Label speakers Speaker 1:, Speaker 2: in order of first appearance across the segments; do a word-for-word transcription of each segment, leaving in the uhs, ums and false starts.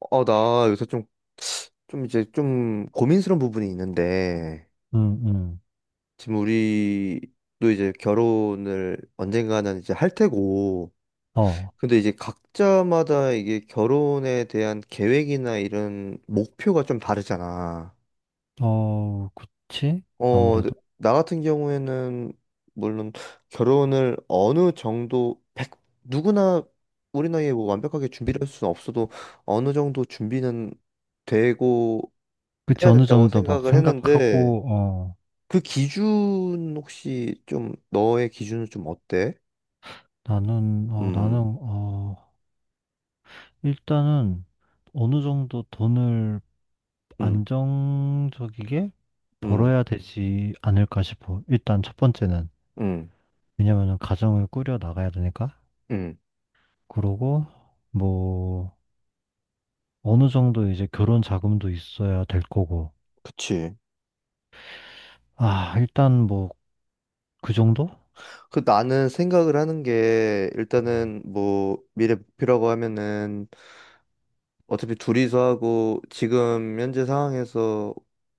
Speaker 1: 어, 나 요새 좀, 좀 이제 좀 고민스러운 부분이 있는데,
Speaker 2: 음, 음.
Speaker 1: 지금 우리도 이제 결혼을 언젠가는 이제 할 테고,
Speaker 2: 어,
Speaker 1: 근데 이제 각자마다 이게 결혼에 대한 계획이나 이런 목표가 좀 다르잖아.
Speaker 2: 어, 그치?
Speaker 1: 어,
Speaker 2: 아무래도.
Speaker 1: 나 같은 경우에는, 물론 결혼을 어느 정도, 백, 누구나 우리 나이에 뭐 완벽하게 준비를 할 수는 없어도 어느 정도 준비는 되고
Speaker 2: 그치,
Speaker 1: 해야
Speaker 2: 어느
Speaker 1: 된다고
Speaker 2: 정도 막
Speaker 1: 생각을 했는데,
Speaker 2: 생각하고, 어,
Speaker 1: 그 기준 혹시 좀 너의 기준은 좀 어때?
Speaker 2: 나는, 어,
Speaker 1: 음,
Speaker 2: 나는, 어, 일단은 어느 정도 돈을
Speaker 1: 음,
Speaker 2: 안정적이게
Speaker 1: 음,
Speaker 2: 벌어야 되지 않을까 싶어. 일단 첫 번째는.
Speaker 1: 음,
Speaker 2: 왜냐면은 가정을 꾸려 나가야 되니까.
Speaker 1: 음.
Speaker 2: 그러고, 뭐, 어느 정도 이제 결혼 자금도 있어야 될 거고.
Speaker 1: 그치.
Speaker 2: 아, 일단 뭐, 그 정도?
Speaker 1: 그 나는 생각을 하는 게
Speaker 2: 음,
Speaker 1: 일단은 뭐 미래 목표라고 하면은 어차피 둘이서 하고 지금 현재 상황에서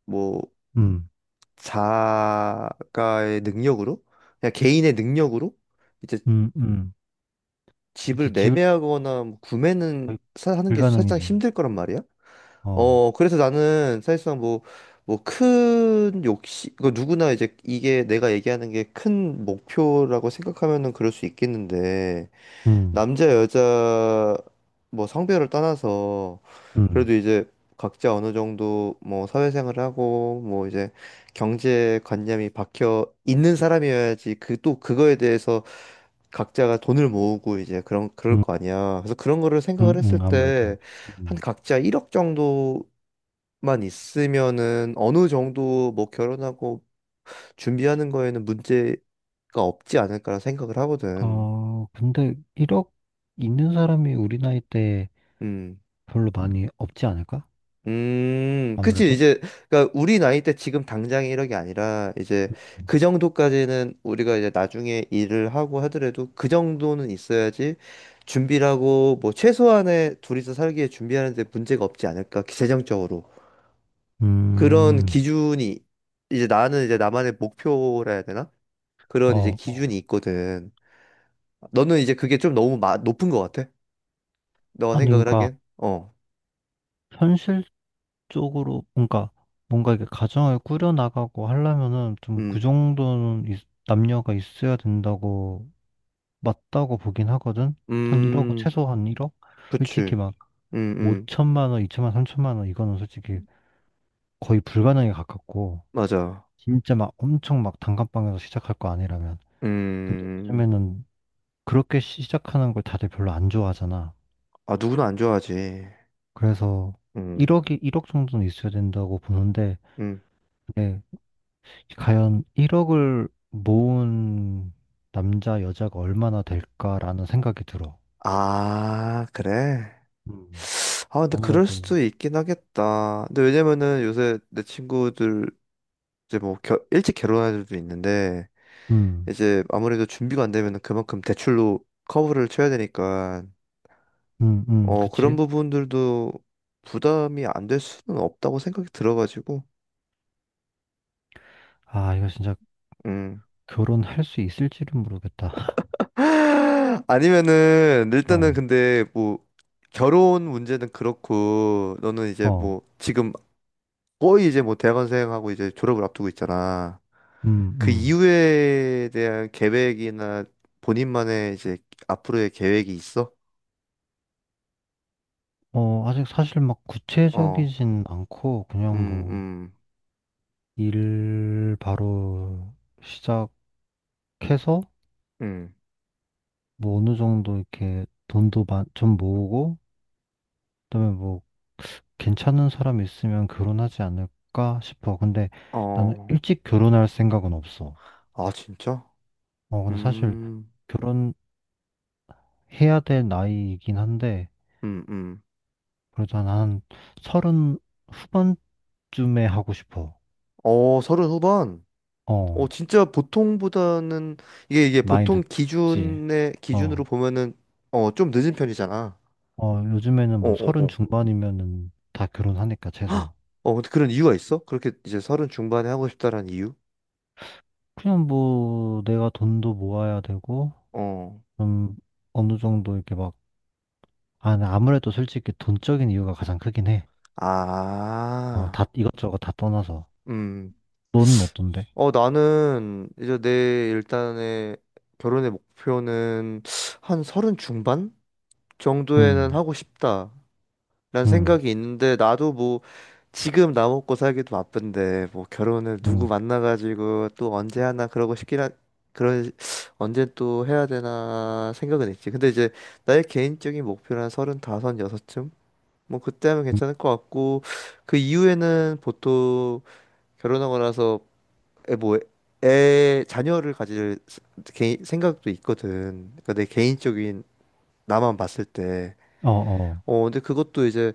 Speaker 1: 뭐
Speaker 2: 음,
Speaker 1: 자가의 능력으로 그냥 개인의 능력으로 이제
Speaker 2: 음. 음.
Speaker 1: 집을
Speaker 2: 그치,
Speaker 1: 매매하거나 뭐 구매는
Speaker 2: 거의
Speaker 1: 사- 하는 게 사실상
Speaker 2: 불가능이지.
Speaker 1: 힘들 거란 말이야.
Speaker 2: 어,
Speaker 1: 어, 그래서 나는 사실상 뭐, 뭐 큰 욕심, 그 누구나 이제 이게 내가 얘기하는 게 큰 목표라고 생각하면은 그럴 수 있겠는데,
Speaker 2: 음,
Speaker 1: 남자, 여자, 뭐 성별을 떠나서,
Speaker 2: 음,
Speaker 1: 그래도 이제 각자 어느 정도 뭐 사회생활을 하고, 뭐 이제 경제관념이 박혀 있는 사람이어야지 그 또 그거에 대해서 각자가 돈을 모으고 이제 그런 그럴
Speaker 2: 음,
Speaker 1: 거 아니야. 그래서 그런 거를 생각을
Speaker 2: 음,
Speaker 1: 했을
Speaker 2: 음,
Speaker 1: 때
Speaker 2: 아무래도.
Speaker 1: 한
Speaker 2: 음.
Speaker 1: 각자 일억 정도 만 있으면은 어느 정도 뭐 결혼하고 준비하는 거에는 문제가 없지 않을까라 생각을 하거든.
Speaker 2: 어, 근데 일억 있는 사람이 우리 나이 때
Speaker 1: 음.
Speaker 2: 별로 많이 없지 않을까?
Speaker 1: 음, 그치,
Speaker 2: 아무래도.
Speaker 1: 이제, 그니까, 우리 나이 때 지금 당장 이런 게 아니라, 이제, 그 정도까지는 우리가 이제 나중에 일을 하고 하더라도, 그 정도는 있어야지, 준비라고, 뭐, 최소한의 둘이서 살기에 준비하는데 문제가 없지 않을까, 재정적으로. 그런
Speaker 2: 음,
Speaker 1: 기준이, 이제 나는 이제 나만의 목표라 해야 되나? 그런 이제
Speaker 2: 어,
Speaker 1: 기준이 있거든. 너는 이제 그게 좀 너무 마- 높은 것 같아? 너가
Speaker 2: 아니,
Speaker 1: 생각을
Speaker 2: 그러니까,
Speaker 1: 하기엔? 어,
Speaker 2: 현실적으로, 그러니까, 뭔가 이게 가정을 꾸려나가고 하려면은 좀 그
Speaker 1: 음,
Speaker 2: 정도는 있- 남녀가 있어야 된다고, 맞다고 보긴 하거든? 한 일억,
Speaker 1: 음,
Speaker 2: 최소 한 일억? 솔직히
Speaker 1: 그치. 음, 음,
Speaker 2: 오천만 원, 이천만 원, 삼천만 원 이거는 솔직히 거의 불가능에 가깝고
Speaker 1: 맞아.
Speaker 2: 진짜 막 엄청 막 단칸방에서 시작할 거 아니라면 근데
Speaker 1: 음,
Speaker 2: 요즘에는 그렇게 시작하는 걸 다들 별로 안 좋아하잖아.
Speaker 1: 아, 누구나 안 좋아하지.
Speaker 2: 그래서
Speaker 1: 음,
Speaker 2: 일억이 일억 정도는 있어야 된다고 보는데
Speaker 1: 음.
Speaker 2: 근데 과연 일억을 모은 남자, 여자가 얼마나 될까라는 생각이 들어.
Speaker 1: 아, 그래?
Speaker 2: 음.
Speaker 1: 아, 근데 그럴
Speaker 2: 아무래도
Speaker 1: 수도 있긴 하겠다. 근데 왜냐면은 요새 내 친구들 이제 뭐 결, 일찍 결혼한 애들도 있는데
Speaker 2: 음,
Speaker 1: 이제 아무래도 준비가 안 되면은 그만큼 대출로 커버를 쳐야 되니까
Speaker 2: 음, 음,
Speaker 1: 어, 그런
Speaker 2: 그치?
Speaker 1: 부분들도 부담이 안될 수는 없다고 생각이 들어가지고,
Speaker 2: 아, 이거 진짜
Speaker 1: 음.
Speaker 2: 결혼할 수 있을지는 모르겠다.
Speaker 1: 아니면은, 일단은
Speaker 2: 어.
Speaker 1: 근데 뭐, 결혼 문제는 그렇고, 너는 이제
Speaker 2: 어.
Speaker 1: 뭐, 지금 거의 이제 뭐, 대학원생하고 이제 졸업을 앞두고 있잖아.
Speaker 2: 음,
Speaker 1: 그
Speaker 2: 음.
Speaker 1: 이후에 대한 계획이나 본인만의 이제 앞으로의 계획이 있어?
Speaker 2: 어, 아직 사실 막
Speaker 1: 어,
Speaker 2: 구체적이진 않고, 그냥
Speaker 1: 음,
Speaker 2: 뭐,
Speaker 1: 음,
Speaker 2: 일 바로 시작해서,
Speaker 1: 음.
Speaker 2: 뭐 어느 정도 이렇게 돈도 마- 좀 모으고, 그다음에 뭐, 괜찮은 사람 있으면 결혼하지 않을까 싶어. 근데 나는
Speaker 1: 어,
Speaker 2: 일찍 결혼할 생각은 없어.
Speaker 1: 아, 진짜?
Speaker 2: 어, 근데 사실
Speaker 1: 음,
Speaker 2: 결혼해야 될 나이이긴 한데,
Speaker 1: 음, 음.
Speaker 2: 그래도 난 서른 후반쯤에 하고 싶어.
Speaker 1: 어, 서른 후반? 어,
Speaker 2: 어,
Speaker 1: 진짜 보통보다는 이게 이게
Speaker 2: 많이 네.
Speaker 1: 보통
Speaker 2: 늦지.
Speaker 1: 기준의 기준으로
Speaker 2: 어.
Speaker 1: 보면은 어, 좀 늦은 편이잖아.
Speaker 2: 어, 요즘에는
Speaker 1: 어,
Speaker 2: 뭐
Speaker 1: 어,
Speaker 2: 서른
Speaker 1: 어.
Speaker 2: 중반이면은 다 결혼하니까 최소.
Speaker 1: 헉! 어, 근데 그런 이유가 있어? 그렇게 이제 서른 중반에 하고 싶다라는 이유?
Speaker 2: 그냥 뭐 내가 돈도 모아야 되고
Speaker 1: 어.
Speaker 2: 좀 어느 정도 이렇게 막 아, 나 아무래도 솔직히 돈적인 이유가 가장 크긴 해. 어,
Speaker 1: 아.
Speaker 2: 다 이것저것 다 떠나서.
Speaker 1: 음.
Speaker 2: 너는 어떤데?
Speaker 1: 어, 나는 이제 내 일단의 결혼의 목표는 한 서른 중반 정도에는
Speaker 2: 음,
Speaker 1: 하고 싶다. 라는
Speaker 2: 음,
Speaker 1: 생각이 있는데 나도 뭐 지금 나 먹고 살기도 바쁜데 뭐 결혼을 누구
Speaker 2: 음,
Speaker 1: 만나가지고 또 언제 하나 그러고 싶긴 한 그런 언제 또 해야 되나 생각은 있지. 근데 이제 나의 개인적인 목표는 한 서른다섯, 여섯쯤? 뭐 그때 하면
Speaker 2: 음,
Speaker 1: 괜찮을 것 같고 그 이후에는 보통 결혼하고 나서 애 뭐 애 자녀를 가질 스- 개인- 생각도 있거든. 그러니까 내 개인적인 나만 봤을 때.
Speaker 2: 어, 어,
Speaker 1: 어 근데 그것도 이제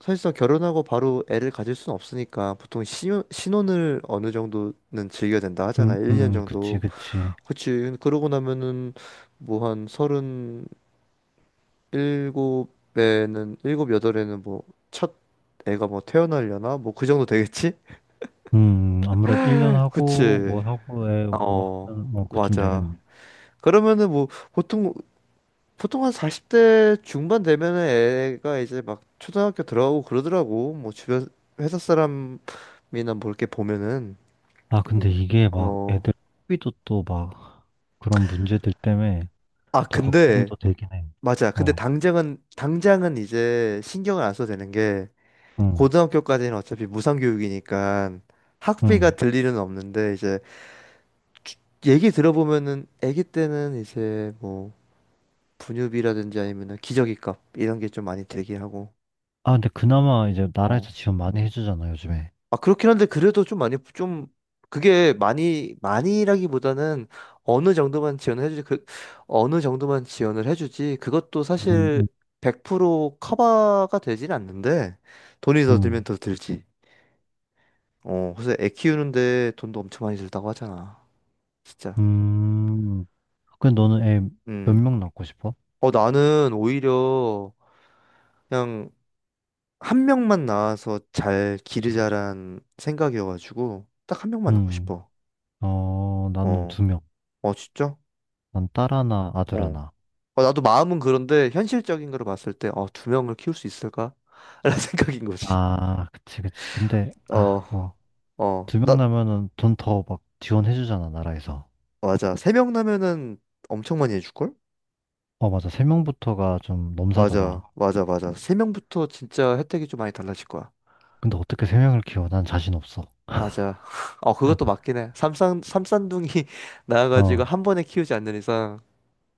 Speaker 1: 사실상 결혼하고 바로 애를 가질 수는 없으니까 보통 신혼, 신혼을 어느 정도는 즐겨야 된다
Speaker 2: 음,
Speaker 1: 하잖아. 일 년
Speaker 2: 음, 그치,
Speaker 1: 정도.
Speaker 2: 그치.
Speaker 1: 그치. 그러고 나면은 뭐 한 서른 일곱에는 일곱 여덟에는 뭐 첫 애가 뭐 태어나려나? 뭐 그 정도 되겠지?
Speaker 2: 음, 아무래도 일 년
Speaker 1: 그치.
Speaker 2: 하고
Speaker 1: 음.
Speaker 2: 뭐 하고에 뭐
Speaker 1: 어,
Speaker 2: 하면 뭐 그쯤
Speaker 1: 맞아.
Speaker 2: 되겠네.
Speaker 1: 그러면은 뭐 보통 보통 한 사십 대 중반 되면은 애가 이제 막 초등학교 들어가고 그러더라고. 뭐 주변 회사 사람이나 뭐 이렇게 보면은
Speaker 2: 아, 근데 이게 막
Speaker 1: 어,
Speaker 2: 애들 학비도 또 막 그런 문제들 때문에
Speaker 1: 아,
Speaker 2: 또
Speaker 1: 근데,
Speaker 2: 걱정도 되긴 해.
Speaker 1: 맞아. 근데
Speaker 2: 어,
Speaker 1: 당장은, 당장은 이제 신경을 안 써도 되는 게,
Speaker 2: 응,
Speaker 1: 고등학교까지는 어차피 무상교육이니까 학비가
Speaker 2: 응.
Speaker 1: 들 일은 없는데, 이제, 주- 얘기 들어보면은, 아기 때는 이제 뭐, 분유비라든지 아니면은 기저귀값, 이런 게 좀 많이 들긴 하고,
Speaker 2: 아, 근데 그나마 이제
Speaker 1: 어.
Speaker 2: 나라에서 지원 많이 해주잖아, 요즘에.
Speaker 1: 아, 그렇긴 한데, 그래도 좀 많이, 좀, 그게 많이, 많이라기보다는 어느 정도만 지원을 해주지, 그, 어느 정도만 지원을 해주지, 그것도
Speaker 2: 음, 음,
Speaker 1: 사실 백 퍼센트 커버가 되진 않는데, 돈이 더 들면
Speaker 2: 음.
Speaker 1: 더 들지. 어, 그래서 애 키우는데 돈도 엄청 많이 들다고 하잖아. 진짜.
Speaker 2: 음. 근데 너는 애 몇
Speaker 1: 음.
Speaker 2: 명 낳고 싶어?
Speaker 1: 어, 나는 오히려 그냥 한 명만 낳아서 잘 기르자란 생각이어가지고, 딱 한 명만 낳고
Speaker 2: 음,
Speaker 1: 싶어.
Speaker 2: 어, 나는
Speaker 1: 어,
Speaker 2: 두 명.
Speaker 1: 어, 진짜?
Speaker 2: 난 딸 하나, 아들
Speaker 1: 어.
Speaker 2: 하나.
Speaker 1: 어, 나도 마음은 그런데 현실적인 거로 봤을 때, 어, 두 명을 키울 수 있을까? 라는 생각인 거지.
Speaker 2: 아, 그치, 그치. 근데,
Speaker 1: 어,
Speaker 2: 아, 뭐,
Speaker 1: 어,
Speaker 2: 두
Speaker 1: 나,
Speaker 2: 명 나면은 돈 더 막 지원해주잖아, 나라에서.
Speaker 1: 맞아. 세 명 나면은 엄청 많이 해줄걸?
Speaker 2: 어, 맞아. 세 명부터가 좀
Speaker 1: 맞아,
Speaker 2: 넘사더라.
Speaker 1: 맞아, 맞아. 세 명부터 진짜 혜택이 좀 많이 달라질 거야.
Speaker 2: 근데 어떻게 세 명을 키워? 난 자신 없어.
Speaker 1: 맞아. 어, 그것도 맞긴 해. 삼산, 삼산둥이 나와가지고
Speaker 2: 어,
Speaker 1: 한 번에 키우지 않는 이상.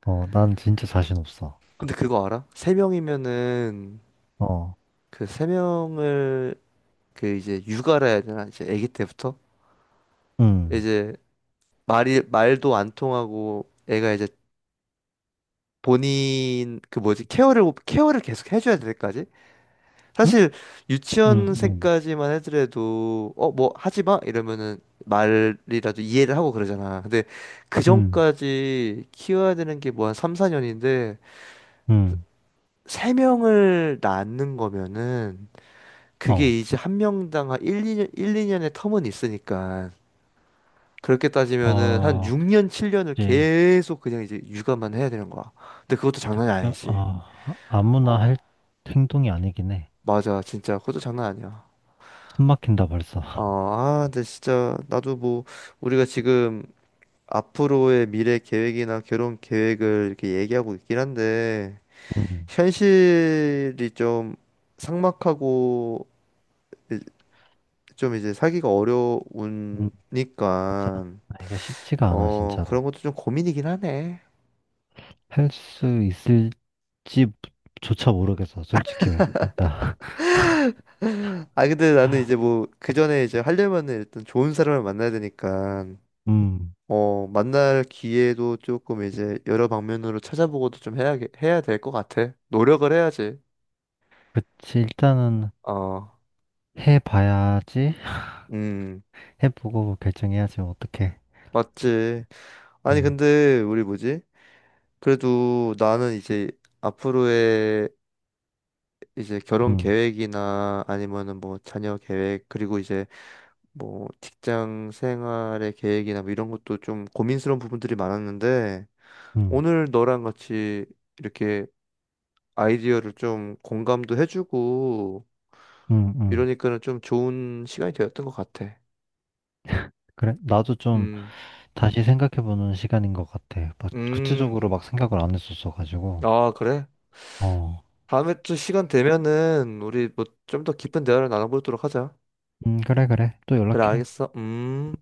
Speaker 2: 어, 난 진짜 자신 없어.
Speaker 1: 근데 그거 알아? 세 명이면은,
Speaker 2: 어,
Speaker 1: 그 세 명을, 그 이제 육아라 해야 되나? 이제 아기 때부터?
Speaker 2: 응.
Speaker 1: 이제 말이, 말도 안 통하고, 애가 이제 본인 그 뭐지 케어를 케어를 계속 해줘야 될 때까지
Speaker 2: 응?
Speaker 1: 사실
Speaker 2: 응, 응,
Speaker 1: 유치원생까지만 해더라도 어 뭐 하지 마 이러면은 말이라도 이해를 하고 그러잖아. 근데 그
Speaker 2: 응,
Speaker 1: 전까지 키워야 되는 게 뭐 한 삼, 사 년인데,
Speaker 2: 응.
Speaker 1: 세명을 낳는 거면은
Speaker 2: 어,
Speaker 1: 그게 이제 한 명당 한 일 이년 일, 이 년의 텀은 있으니까, 그렇게 따지면은 한
Speaker 2: 어,
Speaker 1: 육 년, 칠 년을
Speaker 2: 그치.
Speaker 1: 계속 그냥 이제 육아만 해야 되는 거야. 근데 그것도 장난이
Speaker 2: 그쵸?
Speaker 1: 아니지.
Speaker 2: 어, 아무나 할 행동이 아니긴 해.
Speaker 1: 맞아, 진짜 그것도 장난 아니야.
Speaker 2: 숨 막힌다 벌써.
Speaker 1: 어, 아, 근데 진짜 나도 뭐 우리가 지금 앞으로의 미래 계획이나 결혼 계획을 이렇게 얘기하고 있긴 한데
Speaker 2: 응,
Speaker 1: 현실이 좀 삭막하고 이- 좀 이제 살기가
Speaker 2: 응, 맞아.
Speaker 1: 어려우니까
Speaker 2: 아, 이게 쉽지가 않아,
Speaker 1: 어, 그런
Speaker 2: 진짜로.
Speaker 1: 것도 좀 고민이긴 하네.
Speaker 2: 할 수 있을지조차 모르겠어, 솔직히. 진짜.
Speaker 1: 아, 근데 나는 이제 뭐 그 전에 이제 하려면은 일단 좋은 사람을 만나야 되니까
Speaker 2: 음,
Speaker 1: 어, 만날 기회도 조금 이제 여러 방면으로 찾아보고도 좀 해야, 해야 될 것 같아. 노력을 해야지.
Speaker 2: 그치. 일단은
Speaker 1: 어,
Speaker 2: 해봐야지.
Speaker 1: 음,
Speaker 2: 해보고 결정해야지, 어떡해.
Speaker 1: 맞지. 아니,
Speaker 2: 음,
Speaker 1: 근데 우리 뭐지? 그래도 나는 이제 앞으로의 이제 결혼
Speaker 2: 음,
Speaker 1: 계획이나 아니면은 뭐 자녀 계획, 그리고 이제 뭐 직장 생활의 계획이나 뭐 이런 것도 좀 고민스러운 부분들이 많았는데
Speaker 2: 음,
Speaker 1: 오늘 너랑 같이 이렇게 아이디어를 좀 공감도 해주고
Speaker 2: 음, 음.
Speaker 1: 이러니까는 좀 좋은 시간이 되었던 것 같아.
Speaker 2: 그래, 나도 좀
Speaker 1: 음,
Speaker 2: 다시 생각해보는 시간인 것 같아. 막
Speaker 1: 음,
Speaker 2: 구체적으로 막 생각을 안 했었어가지고.
Speaker 1: 아, 그래?
Speaker 2: 어,
Speaker 1: 다음에 또 시간 되면은 우리 뭐 좀 더 깊은 대화를 나눠보도록 하자.
Speaker 2: 음, 그래, 그래. 또
Speaker 1: 그래,
Speaker 2: 연락해.
Speaker 1: 알겠어. 음.